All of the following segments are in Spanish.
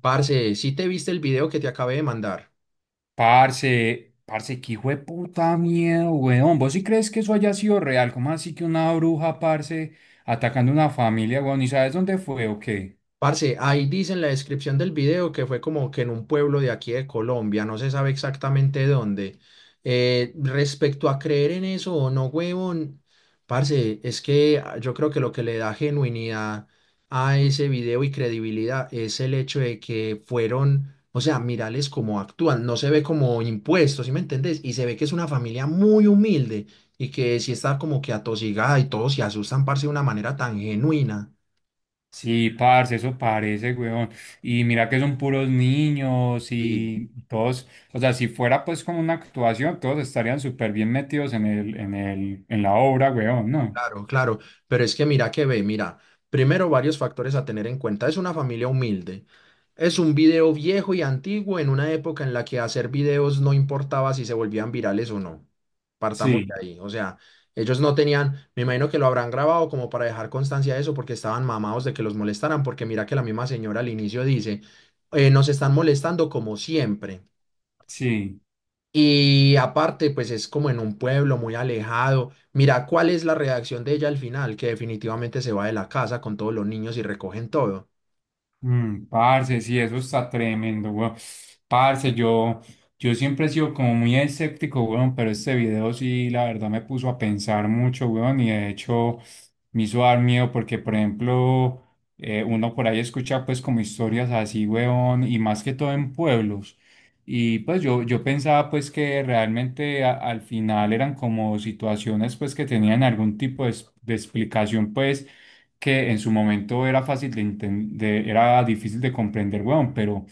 Parce, ¿sí te viste el video que te acabé de mandar? Parce, qué hijo de puta miedo, weón. ¿Vos sí crees que eso haya sido real? ¿Cómo así que una bruja, parce, atacando una familia, weón? ¿Y sabes dónde fue o qué? Parce, ahí dice en la descripción del video que fue como que en un pueblo de aquí de Colombia, no se sabe exactamente dónde. Respecto a creer en eso o no, huevón, parce, es que yo creo que lo que le da genuinidad a ese video y credibilidad es el hecho de que fueron, o sea, mirales cómo actúan, no se ve como impuestos, ¿sí me entendés? Y se ve que es una familia muy humilde y que sí está como que atosigada y todos se asustan, parce, de una manera tan genuina. Sí, parce, eso parece, weón. Y mira que son puros niños Sí. y todos, o sea, si fuera pues como una actuación, todos estarían súper bien metidos en la obra, weón, ¿no? Claro, claro, pero es que mira que ve, mira, primero varios factores a tener en cuenta. Es una familia humilde. Es un video viejo y antiguo en una época en la que hacer videos no importaba si se volvían virales o no. Partamos de Sí, ahí. O sea, ellos no tenían, me imagino que lo habrán grabado como para dejar constancia de eso porque estaban mamados de que los molestaran, porque mira que la misma señora al inicio dice, nos están molestando como siempre. sí. Y aparte, pues es como en un pueblo muy alejado. Mira cuál es la reacción de ella al final, que definitivamente se va de la casa con todos los niños y recogen todo. Mm, parce, sí, eso está tremendo, weón. Parce, yo siempre he sido como muy escéptico, weón, pero este video sí, la verdad me puso a pensar mucho, weón, y de hecho me hizo dar miedo porque, por ejemplo, uno por ahí escucha pues como historias así, weón, y más que todo en pueblos. Y pues yo pensaba pues que realmente al final eran como situaciones pues que tenían algún tipo de, de explicación pues que en su momento era fácil de entender, era difícil de comprender, weón, pero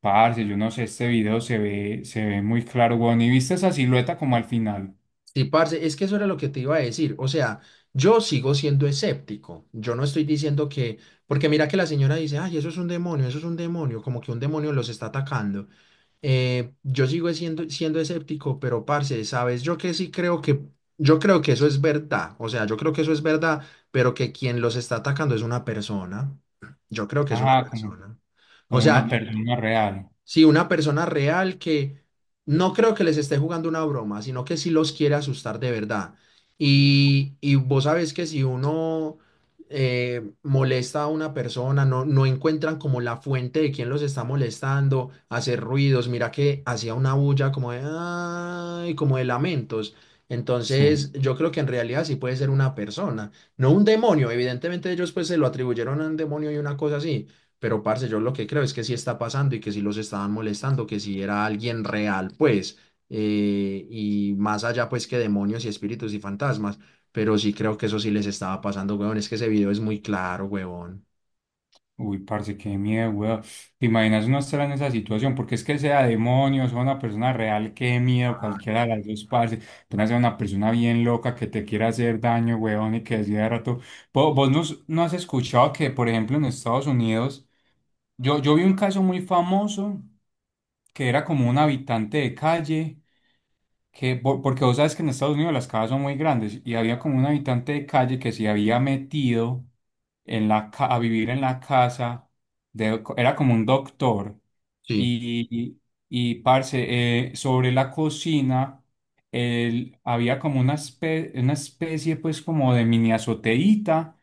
parce, yo no sé, este video se ve muy claro, weón, y viste esa silueta como al final, Sí, parce, es que eso era lo que te iba a decir. O sea, yo sigo siendo escéptico. Yo no estoy diciendo que, porque mira que la señora dice, ay, eso es un demonio, eso es un demonio, como que un demonio los está atacando. Yo sigo siendo escéptico, pero parce, sabes, yo que sí creo yo creo que eso es verdad. O sea, yo creo que eso es verdad, pero que quien los está atacando es una persona. Yo creo que es una ajá, como, persona. O como una sea, persona real, sí, una persona real que no creo que les esté jugando una broma, sino que sí los quiere asustar de verdad. Y vos sabes que si uno molesta a una persona, no encuentran como la fuente de quién los está molestando, hacer ruidos, mira que hacía una bulla como de, "Ay", como de lamentos. sí. Entonces, yo creo que en realidad sí puede ser una persona, no un demonio. Evidentemente ellos pues se lo atribuyeron a un demonio y una cosa así, pero, parce, yo lo que creo es que sí está pasando y que sí los estaban molestando, que sí era alguien real, pues, y más allá, pues, que demonios y espíritus y fantasmas, pero sí creo que eso sí les estaba pasando, huevón, es que ese video es muy claro, huevón. Uy, parce, qué miedo, weón, te imaginas uno estar en esa situación, porque es que sea demonios o una persona real, qué miedo, Ah. cualquiera de las dos, parce, apenas sea una persona bien loca que te quiera hacer daño, weón, y que decía de rato, vos vos no, no has escuchado que, por ejemplo, en Estados Unidos, yo vi un caso muy famoso que era como un habitante de calle, que, porque vos sabes que en Estados Unidos las casas son muy grandes y había como un habitante de calle que se había metido en la, a vivir en la casa, de, era como un doctor Sí. y, y, parce, sobre la cocina él, había como una, una especie pues como de mini azoteíta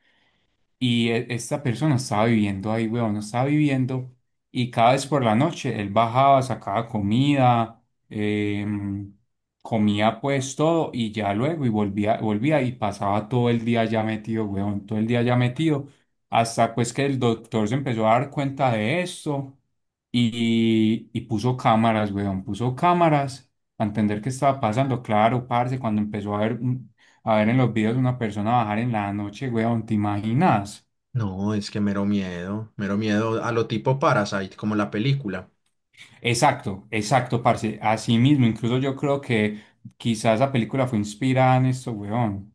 y esta persona estaba viviendo ahí, weón, no estaba viviendo. Y cada vez por la noche él bajaba, sacaba comida, em, comía pues todo y ya luego y volvía y pasaba todo el día ya metido, weón, todo el día ya metido. Hasta pues que el doctor se empezó a dar cuenta de esto y puso cámaras, weón, puso cámaras para entender qué estaba pasando. Claro, parce, cuando empezó a ver en los videos una persona bajar en la noche, weón, ¿te imaginas? No, es que mero miedo a lo tipo Parasite, como la película. Exacto, exacto, parce. Así mismo, incluso yo creo que quizás esa película fue inspirada en esto, weón.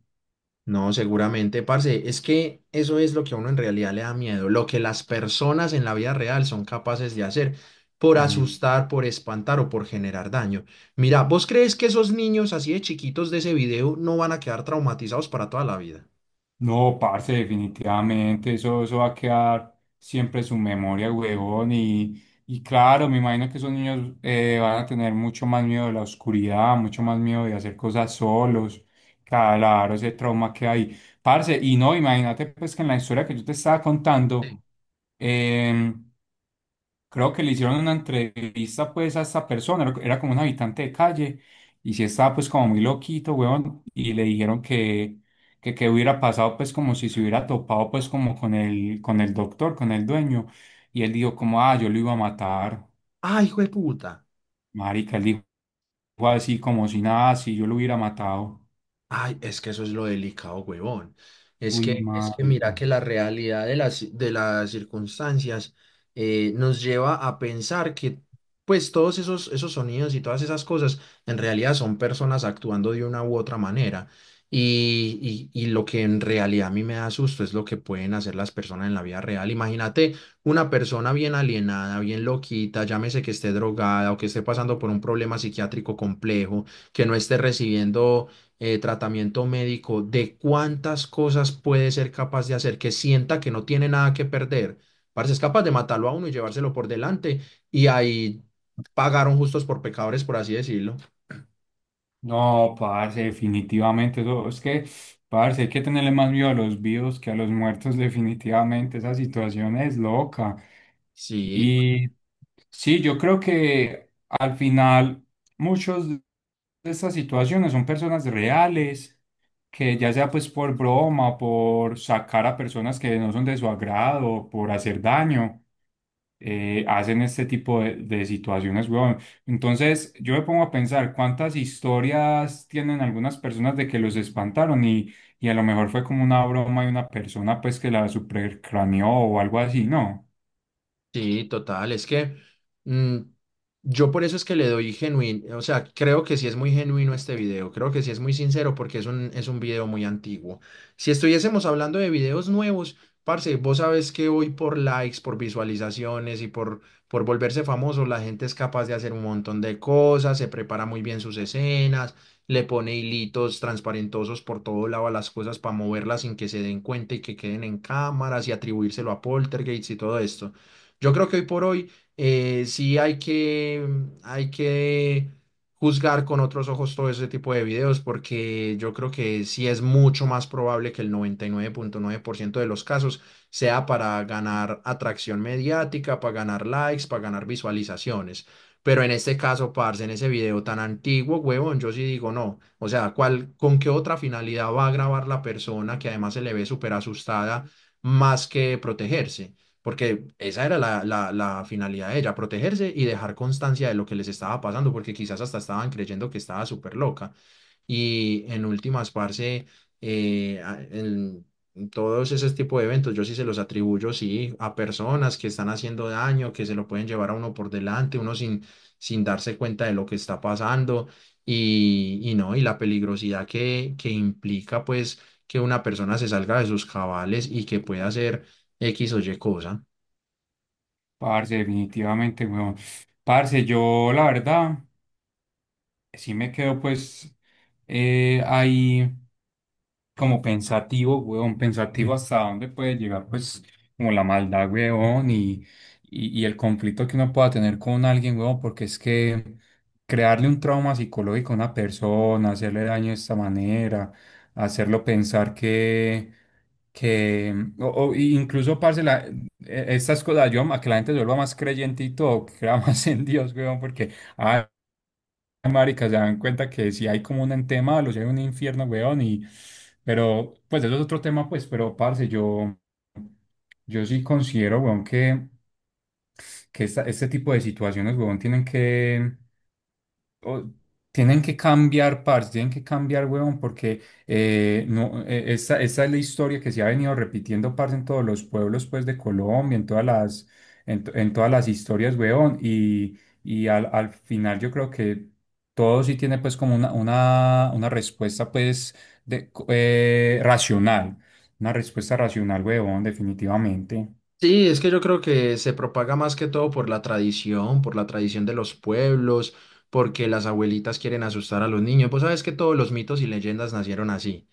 No, seguramente, parce, es que eso es lo que a uno en realidad le da miedo, lo que las personas en la vida real son capaces de hacer por Mm. Asustar, por espantar o por generar daño. Mira, ¿vos crees que esos niños así de chiquitos de ese video no van a quedar traumatizados para toda la vida? No, parce, definitivamente, eso va a quedar siempre en su memoria, huevón, y claro, me imagino que esos niños van a tener mucho más miedo de la oscuridad, mucho más miedo de hacer cosas solos, claro, ese trauma que hay, parce, y no, imagínate pues que en la historia que yo te estaba Sí. contando, em, creo que le hicieron una entrevista pues a esta persona, era como un habitante de calle y sí estaba pues como muy loquito, weón, y le dijeron que qué hubiera pasado pues como si se hubiera topado pues como con el doctor, con el dueño y él dijo como, "Ah, yo lo iba a matar." Ay, hijo de puta. Marica, él dijo así como si nada, si yo lo hubiera matado. Ay, es que eso es lo delicado, huevón. Es Uy, que, es que marica. mira que la realidad de de las circunstancias nos lleva a pensar que pues todos esos sonidos y todas esas cosas en realidad son personas actuando de una u otra manera. Y lo que en realidad a mí me da susto es lo que pueden hacer las personas en la vida real. Imagínate una persona bien alienada, bien loquita, llámese que esté drogada o que esté pasando por un problema psiquiátrico complejo, que no esté recibiendo tratamiento médico, de cuántas cosas puede ser capaz de hacer, que sienta que no tiene nada que perder. Parce, es capaz de matarlo a uno y llevárselo por delante y ahí pagaron justos por pecadores, por así decirlo. No, parce, definitivamente. Eso, es que, parce, hay que tenerle más miedo a los vivos que a los muertos, definitivamente. Esa situación es loca. Sí. Y sí, yo creo que al final muchos de estas situaciones son personas reales, que ya sea pues por broma, por sacar a personas que no son de su agrado, por hacer daño, hacen este tipo de situaciones, weón. Entonces, yo me pongo a pensar cuántas historias tienen algunas personas de que los espantaron y a lo mejor fue como una broma de una persona pues que la supercraneó o algo así, ¿no? Sí, total, es que mm, yo por eso es que le doy genuino, o sea, creo que sí es muy genuino este video, creo que sí es muy sincero porque es es un video muy antiguo. Si estuviésemos hablando de videos nuevos, parce, vos sabes que hoy por likes, por visualizaciones por volverse famoso, la gente es capaz de hacer un montón de cosas, se prepara muy bien sus escenas, le pone hilitos transparentosos por todo lado a las cosas para moverlas sin que se den cuenta y que queden en cámaras y atribuírselo a poltergeist y todo esto. Yo creo que hoy por hoy sí hay hay que juzgar con otros ojos todo ese tipo de videos porque yo creo que sí es mucho más probable que el 99.9% de los casos sea para ganar atracción mediática, para ganar likes, para ganar visualizaciones. Pero en este caso, parce, en ese video tan antiguo, huevón, yo sí digo no. O sea, ¿cuál, con qué otra finalidad va a grabar la persona que además se le ve súper asustada más que protegerse? Porque esa era la finalidad de ella, protegerse y dejar constancia de lo que les estaba pasando, porque quizás hasta estaban creyendo que estaba súper loca. Y en últimas, parce, en todos esos tipos de eventos, yo sí se los atribuyo, sí, a personas que están haciendo daño, que se lo pueden llevar a uno por delante, uno sin, sin darse cuenta de lo que está pasando y no, y la peligrosidad que implica, pues, que una persona se salga de sus cabales y que pueda hacer X o Y cosa. Parce, definitivamente, weón. Parce, yo la verdad sí me quedo pues ahí, como pensativo, weón, pensativo hasta dónde puede llegar, pues, como la maldad, weón, y, y el conflicto que uno pueda tener con alguien, weón, porque es que crearle un trauma psicológico a una persona, hacerle daño de esta manera, hacerlo pensar que, o incluso, parce, estas cosas, yo, a que la gente se vuelva más creyente y todo, que crea más en Dios, weón, porque, ah, marica, se dan cuenta que si hay como un ente malo, si hay un infierno, weón, y... Pero, pues, eso es otro tema, pues, pero, parce, yo sí considero, weón, que este tipo de situaciones, weón, tienen que o- tienen que cambiar parts, tienen que cambiar, huevón, porque no, esta, esta es la historia que se ha venido repitiendo, parce, en todos los pueblos, pues, de Colombia, en todas en todas las historias, huevón, y, al final yo creo que todo sí tiene, pues, como una respuesta, pues, racional, una respuesta racional, huevón, definitivamente. Sí, es que yo creo que se propaga más que todo por la tradición de los pueblos, porque las abuelitas quieren asustar a los niños. Pues sabes que todos los mitos y leyendas nacieron así.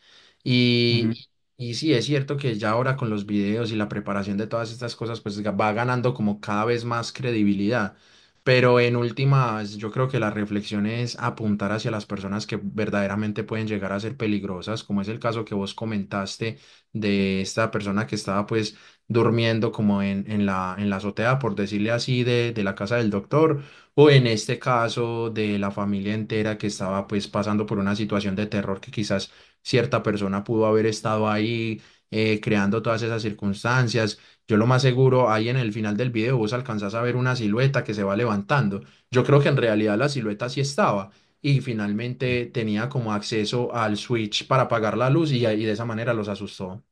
Ujú. Y, y sí, es cierto que ya ahora con los videos y la preparación de todas estas cosas, pues ga- va ganando como cada vez más credibilidad. Pero en últimas, yo creo que la reflexión es apuntar hacia las personas que verdaderamente pueden llegar a ser peligrosas, como es el caso que vos comentaste de esta persona que estaba pues durmiendo como en la azotea, por decirle así, de la casa del doctor, o en este caso de la familia entera que estaba pues pasando por una situación de terror que quizás cierta persona pudo haber estado ahí creando todas esas circunstancias. Yo lo más seguro, ahí en el final del video vos alcanzás a ver una silueta que se va levantando. Yo creo que en realidad la silueta sí estaba y finalmente tenía como acceso al switch para apagar la luz y de esa manera los asustó.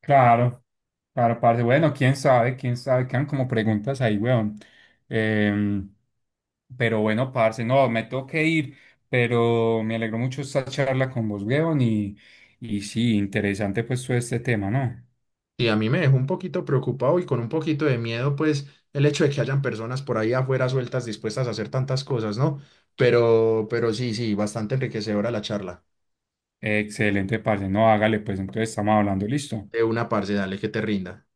Claro, claro, parce. Bueno, quién sabe, quedan como preguntas ahí, weón. Em, pero bueno, parce, no, me tengo que ir, pero me alegró mucho esta charla con vos, weón, y sí, interesante pues todo este tema, ¿no? Y a mí me dejó un poquito preocupado y con un poquito de miedo, pues, el hecho de que hayan personas por ahí afuera sueltas dispuestas a hacer tantas cosas, ¿no? Pero sí, sí, bastante enriquecedora la charla. Excelente, parce. No, hágale, pues entonces estamos hablando, listo. De una parce, dale que te rinda.